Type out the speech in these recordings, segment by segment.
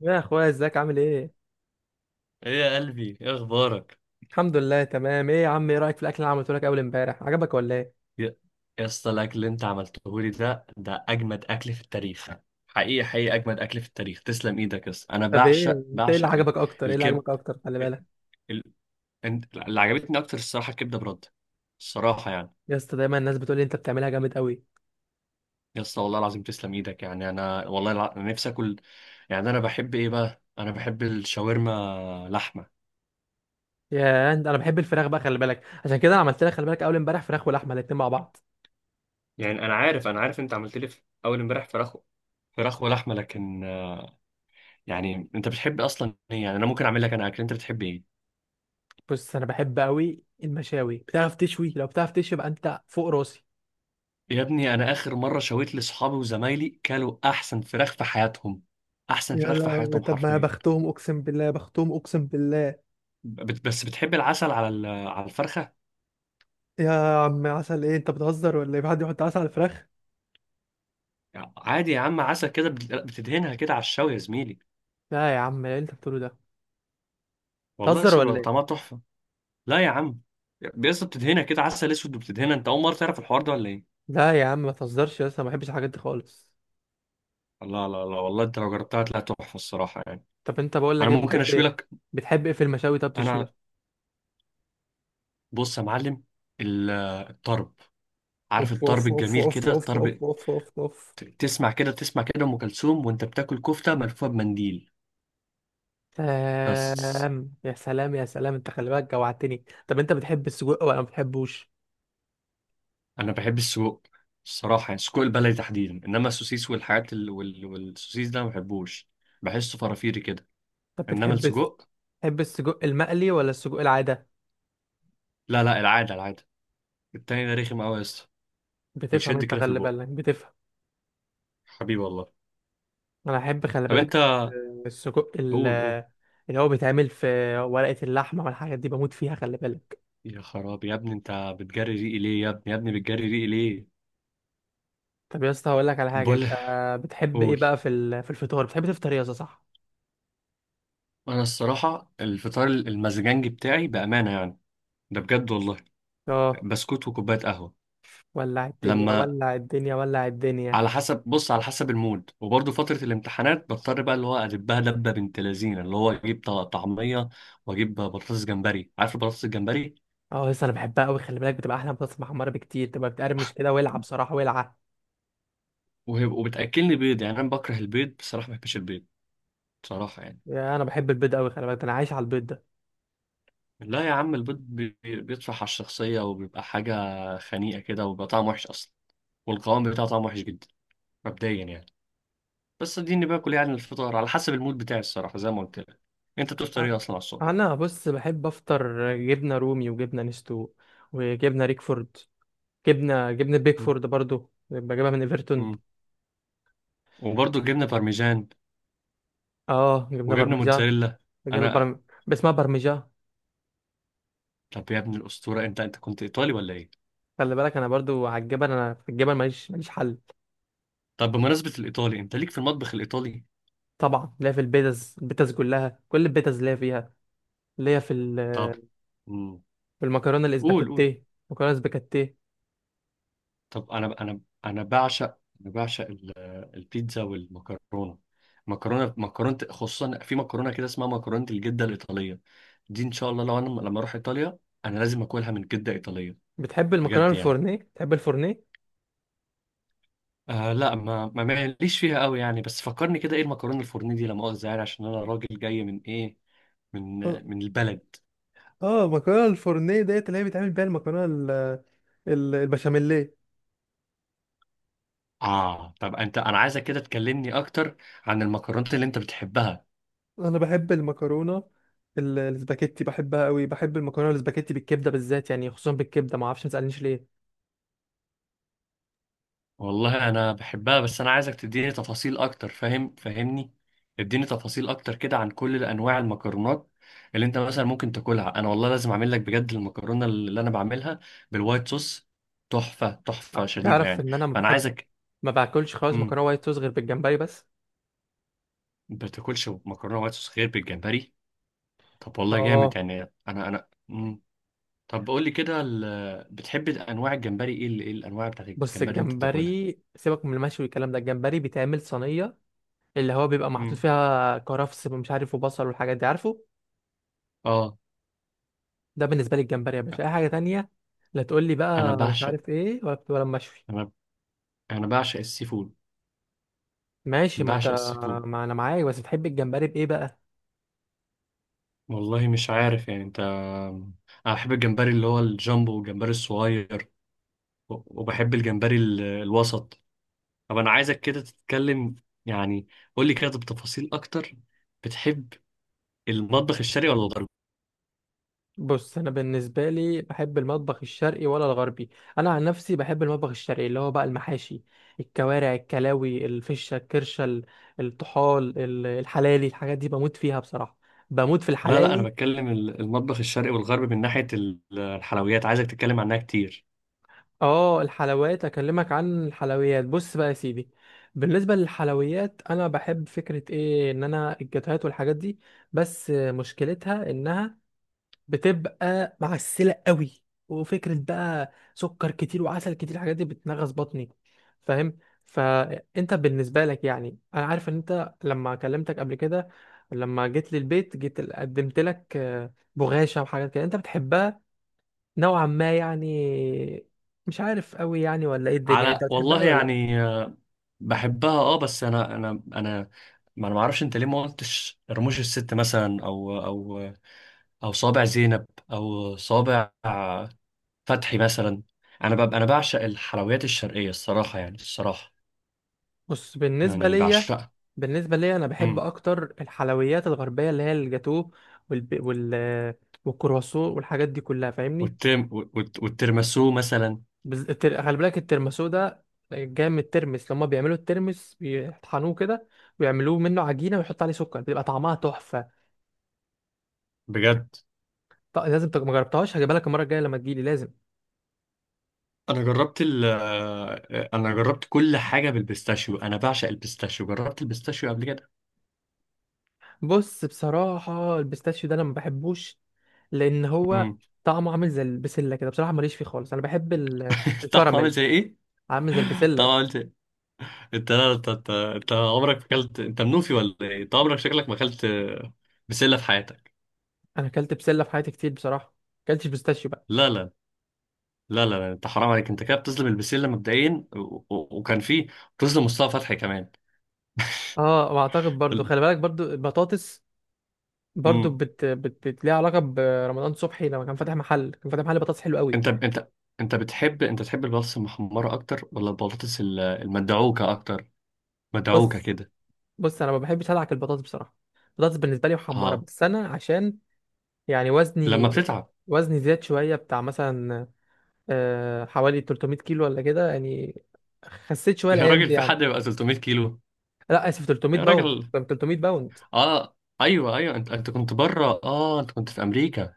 يا اخويا، ازيك؟ عامل ايه؟ ايه يا قلبي، ايه اخبارك؟ الحمد لله تمام. ايه يا عم، ايه رايك في الاكل اللي عملته لك اول امبارح؟ عجبك ولا ايه؟ يا يا اسطى الاكل اللي انت عملته لي ده اجمد اكل في التاريخ. حقيقي، حقيقي اجمد اكل في التاريخ. تسلم ايدك يا اسطى، انا طب ايه؟ بعشق انت ايه اللي بعشق عجبك اكتر ايه اللي الكب عجبك اكتر؟ خلي بالك ال... اللي عجبتني اكتر الصراحه الكبده برد. الصراحه يعني. يا اسطى، دايما الناس بتقول لي انت بتعملها جامد قوي. يا اسطى والله العظيم تسلم ايدك، يعني انا انا نفسي اكل. يعني انا بحب ايه بقى؟ انا بحب الشاورما لحمه. يا انت، انا بحب الفراخ بقى، خلي بالك، عشان كده انا عملت لك، خلي بالك، اول امبارح فراخ ولحمه الاتنين مع بعض. يعني انا عارف انت عملت لي في اول امبارح فراخ. فراخ ولحمه، لكن يعني انت بتحب اصلا ايه؟ يعني انا ممكن اعمل لك انا اكل. انت بتحب ايه؟ بص، انا بحب قوي المشاوي، بتعرف تشوي؟ لو بتعرف تشوي يبقى انت فوق راسي. يا ابني، انا اخر مره شويت لاصحابي وزمايلي، كلوا احسن فراخ في حياتهم. احسن يا فراخ في لهوي، حياتهم طب ما حرفيا. بختهم، اقسم بالله بختهم، اقسم بالله. بس بتحب العسل على على الفرخه؟ يا عم، عسل ايه؟ انت بتهزر ولا ايه؟ في حد يحط عسل على الفراخ؟ عادي يا عم، عسل كده بتدهنها كده على الشوي يا زميلي. لا يا عم، ايه اللي انت بتقوله ده؟ والله بتهزر لسه ولا بيبقى ايه؟ طعمها تحفه. لا يا عم، بيسطا بتدهنها كده عسل اسود وبتدهنها. انت اول مره تعرف الحوار ده ولا ايه؟ لا يا عم ما تهزرش، يا اسطى ما بحبش الحاجات دي خالص. لا، لا، لا، والله انت لو جربتها هتلاقيها تحفه الصراحه يعني. طب انت، بقول لك انا ايه، ممكن بتحب اشوي ايه؟ لك. بتحب ايه في المشاوي؟ طب انا، تشويه؟ بص يا معلم، ال- الطرب عارف اوف اوف الطرب اوف الجميل اوف كده؟ اوف اوف الطرب. اوف اوف اوف. تسمع كده، تسمع كده ام كلثوم وانت بتاكل كفته ملفوفه بمنديل. بس سلام يا سلام يا سلام، انت خلي بالك جوعتني. طب انت بتحب السجق ولا ما بتحبوش؟ انا بحب السجق الصراحه يعني، السجق البلدي تحديدا، انما السوسيس والحاجات والسوسيس ده ما بحبوش. بحسه فرافيري كده. طب انما بتحب، السجق. بتحب السجق المقلي ولا السجق العاده؟ لا، لا، العاده، العاده. التاني ده رخم قوي يا اسطى. بتفهم بيشد انت، كده في خلي البق، بالك بتفهم. حبيبي والله. انا احب، خلي طب بالك، انت، السجق قول، قول. اللي هو بيتعمل في ورقه اللحمه والحاجات دي بموت فيها، خلي بالك. يا خرابي، يا ابني، انت بتجري ريقي ليه؟ يا ابني، يا ابني، بتجري ريقي ليه؟ طب يا اسطى هقول لك على حاجه، بقول، انت بتحب ايه قول. بقى في في الفطار؟ بتحب تفطر ايه يا اسطى؟ صح؟ انا الصراحه الفطار المزجنجي بتاعي بامانه يعني، ده بجد والله. اه. بسكوت وكوباية قهوة. ولع الدنيا، لما ولع الدنيا، ولع الدنيا. على حسب، بص على حسب المود، وبرضه فترة الامتحانات بضطر بقى، اللي هو أدبها دبة بنت لذينة، اللي هو أجيب طعمية وأجيب بطاطس جمبري. عارف البطاطس الجمبري؟ اه، لسه انا بحبها قوي، خلي بالك، بتبقى احلى من بطاطس محمره بكتير، تبقى بتقرمش كده، ولعه بصراحه، ولعه. وبتأكلني بيض. يعني أنا بكره البيض بصراحة، ما بحبش البيض بصراحة يعني. يا، انا بحب البيض قوي، خلي بالك، ده انا عايش على البيض ده. لا يا عم، البيض بيطفح على الشخصية، وبيبقى حاجة خنيقة كده، وبيبقى طعمه وحش أصلا. والقوام بتاعه طعمه وحش جدا مبدئيا يعني. بس اديني باكل يعني الفطار على حسب المود بتاعي الصراحة، زي ما قلت لك. أنت بتفطر إيه أصلا على الصبح؟ انا بص، بحب افطر جبنه رومي وجبنه نستو وجبنه ريكفورد. جبنه بيكفورد برضو بجيبها من ايفرتون. مم. وبرضه جبنه بارميجان، اه، جبنه وجبنه برمجه. موتزاريلا. جبنه انا. برم... اسمها برمجه. طب يا ابن الاسطوره، انت كنت ايطالي ولا ايه؟ خلي بالك انا برضو على الجبل، انا في الجبل ماليش حل. طب بمناسبه الايطالي، انت ليك في المطبخ الايطالي؟ طبعا ليا في البيتز، البيتز كلها، كل البيتز ليا فيها. ليا في طب. مم. في المكرونه قول، قول. الاسباجيتيه، مكرونه اسباجيتيه. طب انا بعشق البيتزا والمكرونه. مكرونه، مكرونه خصوصا، في مكرونه كده اسمها مكرونه الجده الايطاليه. دي ان شاء الله لو انا لما اروح ايطاليا، انا لازم اكلها من جده ايطاليه. بتحب المكرونه بجد يعني. الفورنيه؟ بتحب الفورنيه؟ آه، لا، ما ما ماليش فيها قوي يعني، بس فكرني كده ايه المكرونه الفرنيه دي؟ لا مؤاخذه يعني، عشان انا راجل جاي من ايه؟ من اه، من البلد اه، المكرونه الفورنيه ديت اللي هي بيتعمل بيها المكرونه البشاميليه. اه، طب انت، انا عايزك كده تكلمني اكتر عن المكرونات اللي انت بتحبها. انا بحب المكرونه الاسباجيتي، بحبها قوي، بحب المكرونه الاسباجيتي بالكبده بالذات، يعني خصوصا بالكبده، ما اعرفش، ما تسالنيش ليه. والله انا بحبها، بس انا عايزك تديني تفاصيل اكتر. فاهم، فاهمني. اديني تفاصيل اكتر كده عن كل انواع المكرونات اللي انت مثلا ممكن تاكلها. انا والله لازم اعمل لك بجد المكرونه اللي انا بعملها بالوايت صوص. تحفه، تحفه شديده تعرف يعني. ان انا ما فانا بحب، عايزك. ما باكلش خالص مكرونه وايت صوص غير بالجمبري بس. ما بتاكلش مكرونه وايت صوص غير بالجمبري؟ طب والله جامد اه، يعني. انا. مم. طب قول لي كده، بتحب انواع الجمبري ايه؟ ايه الانواع بتاعت بص، الجمبري اللي انت بتاكلها؟ الجمبري سيبك من المشوي والكلام ده. الجمبري بيتعمل صينيه اللي هو بيبقى محطوط مم. فيها كرفس، مش عارف، وبصل والحاجات دي، عارفه. اه، ده بالنسبه لي الجمبري يا باشا، اي حاجه تانية لا تقول لي انا بقى، مش بعشق عارف ايه، ولا ولا مشوي. انا انا بعشق السي فود، ماشي، ما انت، بعشق السي فود. ما انا معاك، بس بتحب الجمبري بايه بقى؟ والله مش عارف يعني انت. انا بحب الجمبري اللي هو الجامبو، والجمبري الصغير، وبحب الجمبري الوسط طب انا عايزك كده تتكلم يعني، قول لي كده بتفاصيل اكتر. بتحب المطبخ الشرقي ولا الغربي؟ بص انا، بالنسبه لي بحب المطبخ الشرقي ولا الغربي؟ انا عن نفسي بحب المطبخ الشرقي، اللي هو بقى المحاشي، الكوارع، الكلاوي، الفشه، الكرشه، الطحال، الحلالي، الحاجات دي بموت فيها بصراحه، بموت في لا، لا، انا الحلالي. بتكلم المطبخ الشرقي والغربي من ناحيه الحلويات عايزك تتكلم عنها كتير. اه، الحلويات، اكلمك عن الحلويات. بص بقى يا سيدي، بالنسبه للحلويات، انا بحب فكره، ايه ان انا الجاتوهات والحاجات دي، بس مشكلتها انها بتبقى معسله قوي، وفكره بقى سكر كتير وعسل كتير، الحاجات دي بتنغص بطني، فاهم؟ فانت بالنسبه لك، يعني انا عارف ان انت لما كلمتك قبل كده، لما جيت للبيت جيت قدمت لك بغاشه وحاجات كده انت بتحبها، نوعا ما يعني. مش عارف قوي يعني ولا ايه الدنيا، انت على بتحبها والله قوي ولا لا؟ يعني، آه، بحبها اه. بس انا ما اعرفش انت ليه ما قلتش رموش الست مثلا، او، او صابع زينب، او صابع فتحي مثلا. انا بعشق الحلويات الشرقيه الصراحه يعني، الصراحه بص بالنسبه يعني ليا بعشقها. بالنسبه ليا، انا بحب امم اكتر الحلويات الغربيه، اللي هي الجاتوه والب... وال والكرواسون والحاجات دي كلها، فاهمني؟ والترمسو مثلا. خلي بالك الترمسو ده جاي من الترمس، لما بيعملوا الترمس بيطحنوه كده ويعملوه منه عجينه ويحط عليه سكر، بيبقى طعمها تحفه. بجد. لازم ما جربتهاش، هجيبها لك المره الجايه لما تجيلي، لازم. انا جربت كل حاجه بالبيستاشيو. انا بعشق البيستاشيو، جربت البيستاشيو قبل كده. بص، بصراحه البيستاشيو ده انا ما بحبوش، لان هو امم طعمه عامل زي البسله كده، بصراحه ماليش فيه خالص. انا بحب طعمه عامل الكراميل. زي ايه؟ عامل زي طعمه البسله. عامل زي. انت؟ لا، انت، انت عمرك ما اكلت. انت منوفي ولا ايه؟ انت عمرك، شكلك ما اكلت بسله في حياتك. انا اكلت بسله في حياتي كتير بصراحه، اكلتش بيستاشيو بقى. لا، لا، لا، لا، لا، انت حرام عليك. انت كده بتظلم البسله مبدئيا وكان في. بتظلم مصطفى فتحي كمان. اه، واعتقد برضو، ال... خلي بالك، برضو البطاطس برضو امم ليها علاقه برمضان صبحي، لما كان فاتح محل، كان فاتح محل بطاطس حلو قوي. انت انت انت تحب البطاطس المحمره اكتر ولا البطاطس المدعوكه اكتر؟ مدعوكه بص كده. بص انا ما بحبش ادعك البطاطس بصراحه، البطاطس بالنسبه لي محمره اه، بس، انا عشان يعني لما وزني، بتتعب. وزني زاد شويه بتاع مثلا، حوالي 300 كيلو ولا كده يعني، خسيت شويه يا الايام راجل، دي في يعني. حد يبقى 300 كيلو؟ لا اسف، 300 يا باوند، راجل. طب 300 باوند، اه، ايوه، ايوه، انت كنت بره، اه، انت كنت في امريكا.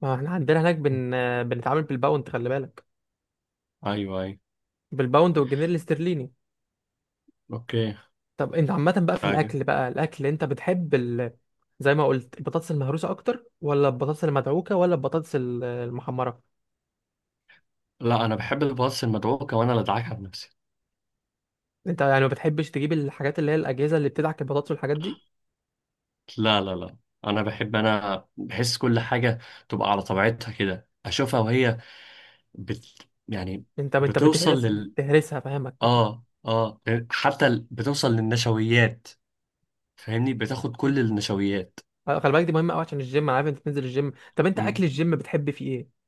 ما احنا عندنا هناك بنتعامل بالباوند، خلي بالك، ايوه، ايوه، بالباوند والجنيه الاسترليني. اوكي. طب انت عامة بقى في حاجه. الأكل بقى، الأكل أنت بتحب ال... زي ما قلت البطاطس المهروسة أكتر ولا البطاطس المدعوكة ولا البطاطس المحمرة؟ لا، انا بحب الباص المدعوكه، وانا اللي ادعكها بنفسي. أنت يعني ما بتحبش تجيب الحاجات اللي هي الأجهزة اللي بتدعك البطاطس والحاجات دي؟ لا، لا، لا، انا بحب، انا بحس كل حاجه تبقى على طبيعتها كده، اشوفها وهي يعني أنت بتوصل بتهرس، بتهرسها، فاهمك. اه، اه، حتى بتوصل للنشويات، فاهمني، بتاخد كل النشويات. خلي بالك دي مهمة أوي عشان الجيم. أنا عارف أنت بتنزل الجيم، طب أنت أكل الجيم بتحب فيه إيه؟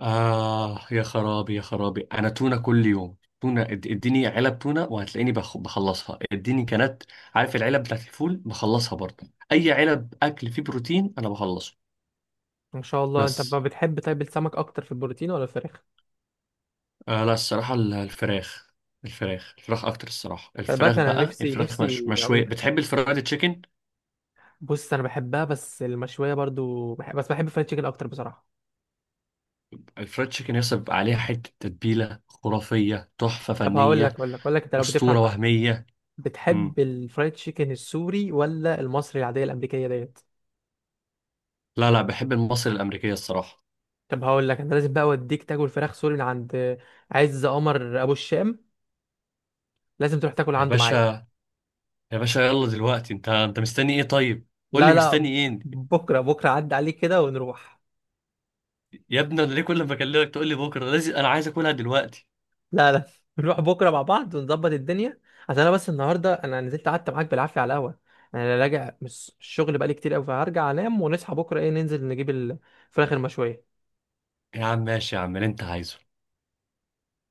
آه يا خرابي، يا خرابي، أنا تونة كل يوم، تونة. اديني علب تونة وهتلاقيني بخلصها اديني كانت، عارف العلب بتاعت الفول؟ بخلصها برضه. أي علب أكل فيه بروتين أنا بخلصه. ما شاء الله. أنت ما بس. بتحب طيب السمك أكتر في البروتين ولا الفراخ؟ آه، لا، الصراحة الفراخ الفراخ، الفراخ أكتر الصراحة. خلي بالك، الفراخ انا بقى نفسي الفراخ مش نفسي اقول مشوية، لك، بتحب الفرايد تشيكن. بص انا بحبها بس، المشويه برضو بحب، بس بحب الفرايد تشيكن اكتر بصراحه. الفرايد تشيكن يصب بيبقى عليها حتة تتبيلة خرافية، تحفة طب هقول لك، فنية، اقول لك، انت لو بتفهم أسطورة بقى، وهمية. مم. بتحب الفرايد تشيكن السوري ولا المصري العاديه الامريكيه ديت؟ لا، لا، بحب المصري الأمريكية الصراحة. طب هقول لك، انا لازم بقى اوديك تاكل فراخ سوري من عند عز قمر ابو الشام، لازم تروح تاكل يا عنده معايا. باشا، يا باشا، يلا دلوقتي، انت مستني ايه طيب؟ قول لي لا مستني لا ايه. بكره، بكره عدى عليك كده ونروح. يا ابني، انا ليه كل ما اكلمك تقول لي بكره؟ لازم، انا عايز اكلها دلوقتي. لا نروح بكره مع بعض ونظبط الدنيا، عشان انا بس النهارده انا نزلت قعدت معاك بالعافيه على القهوه، انا راجع من الشغل بقالي كتير قوي، فهرجع انام ونصحى بكره ايه ننزل نجيب الفراخ المشويه. يا عم، ماشي يا عم، اللي انت عايزه.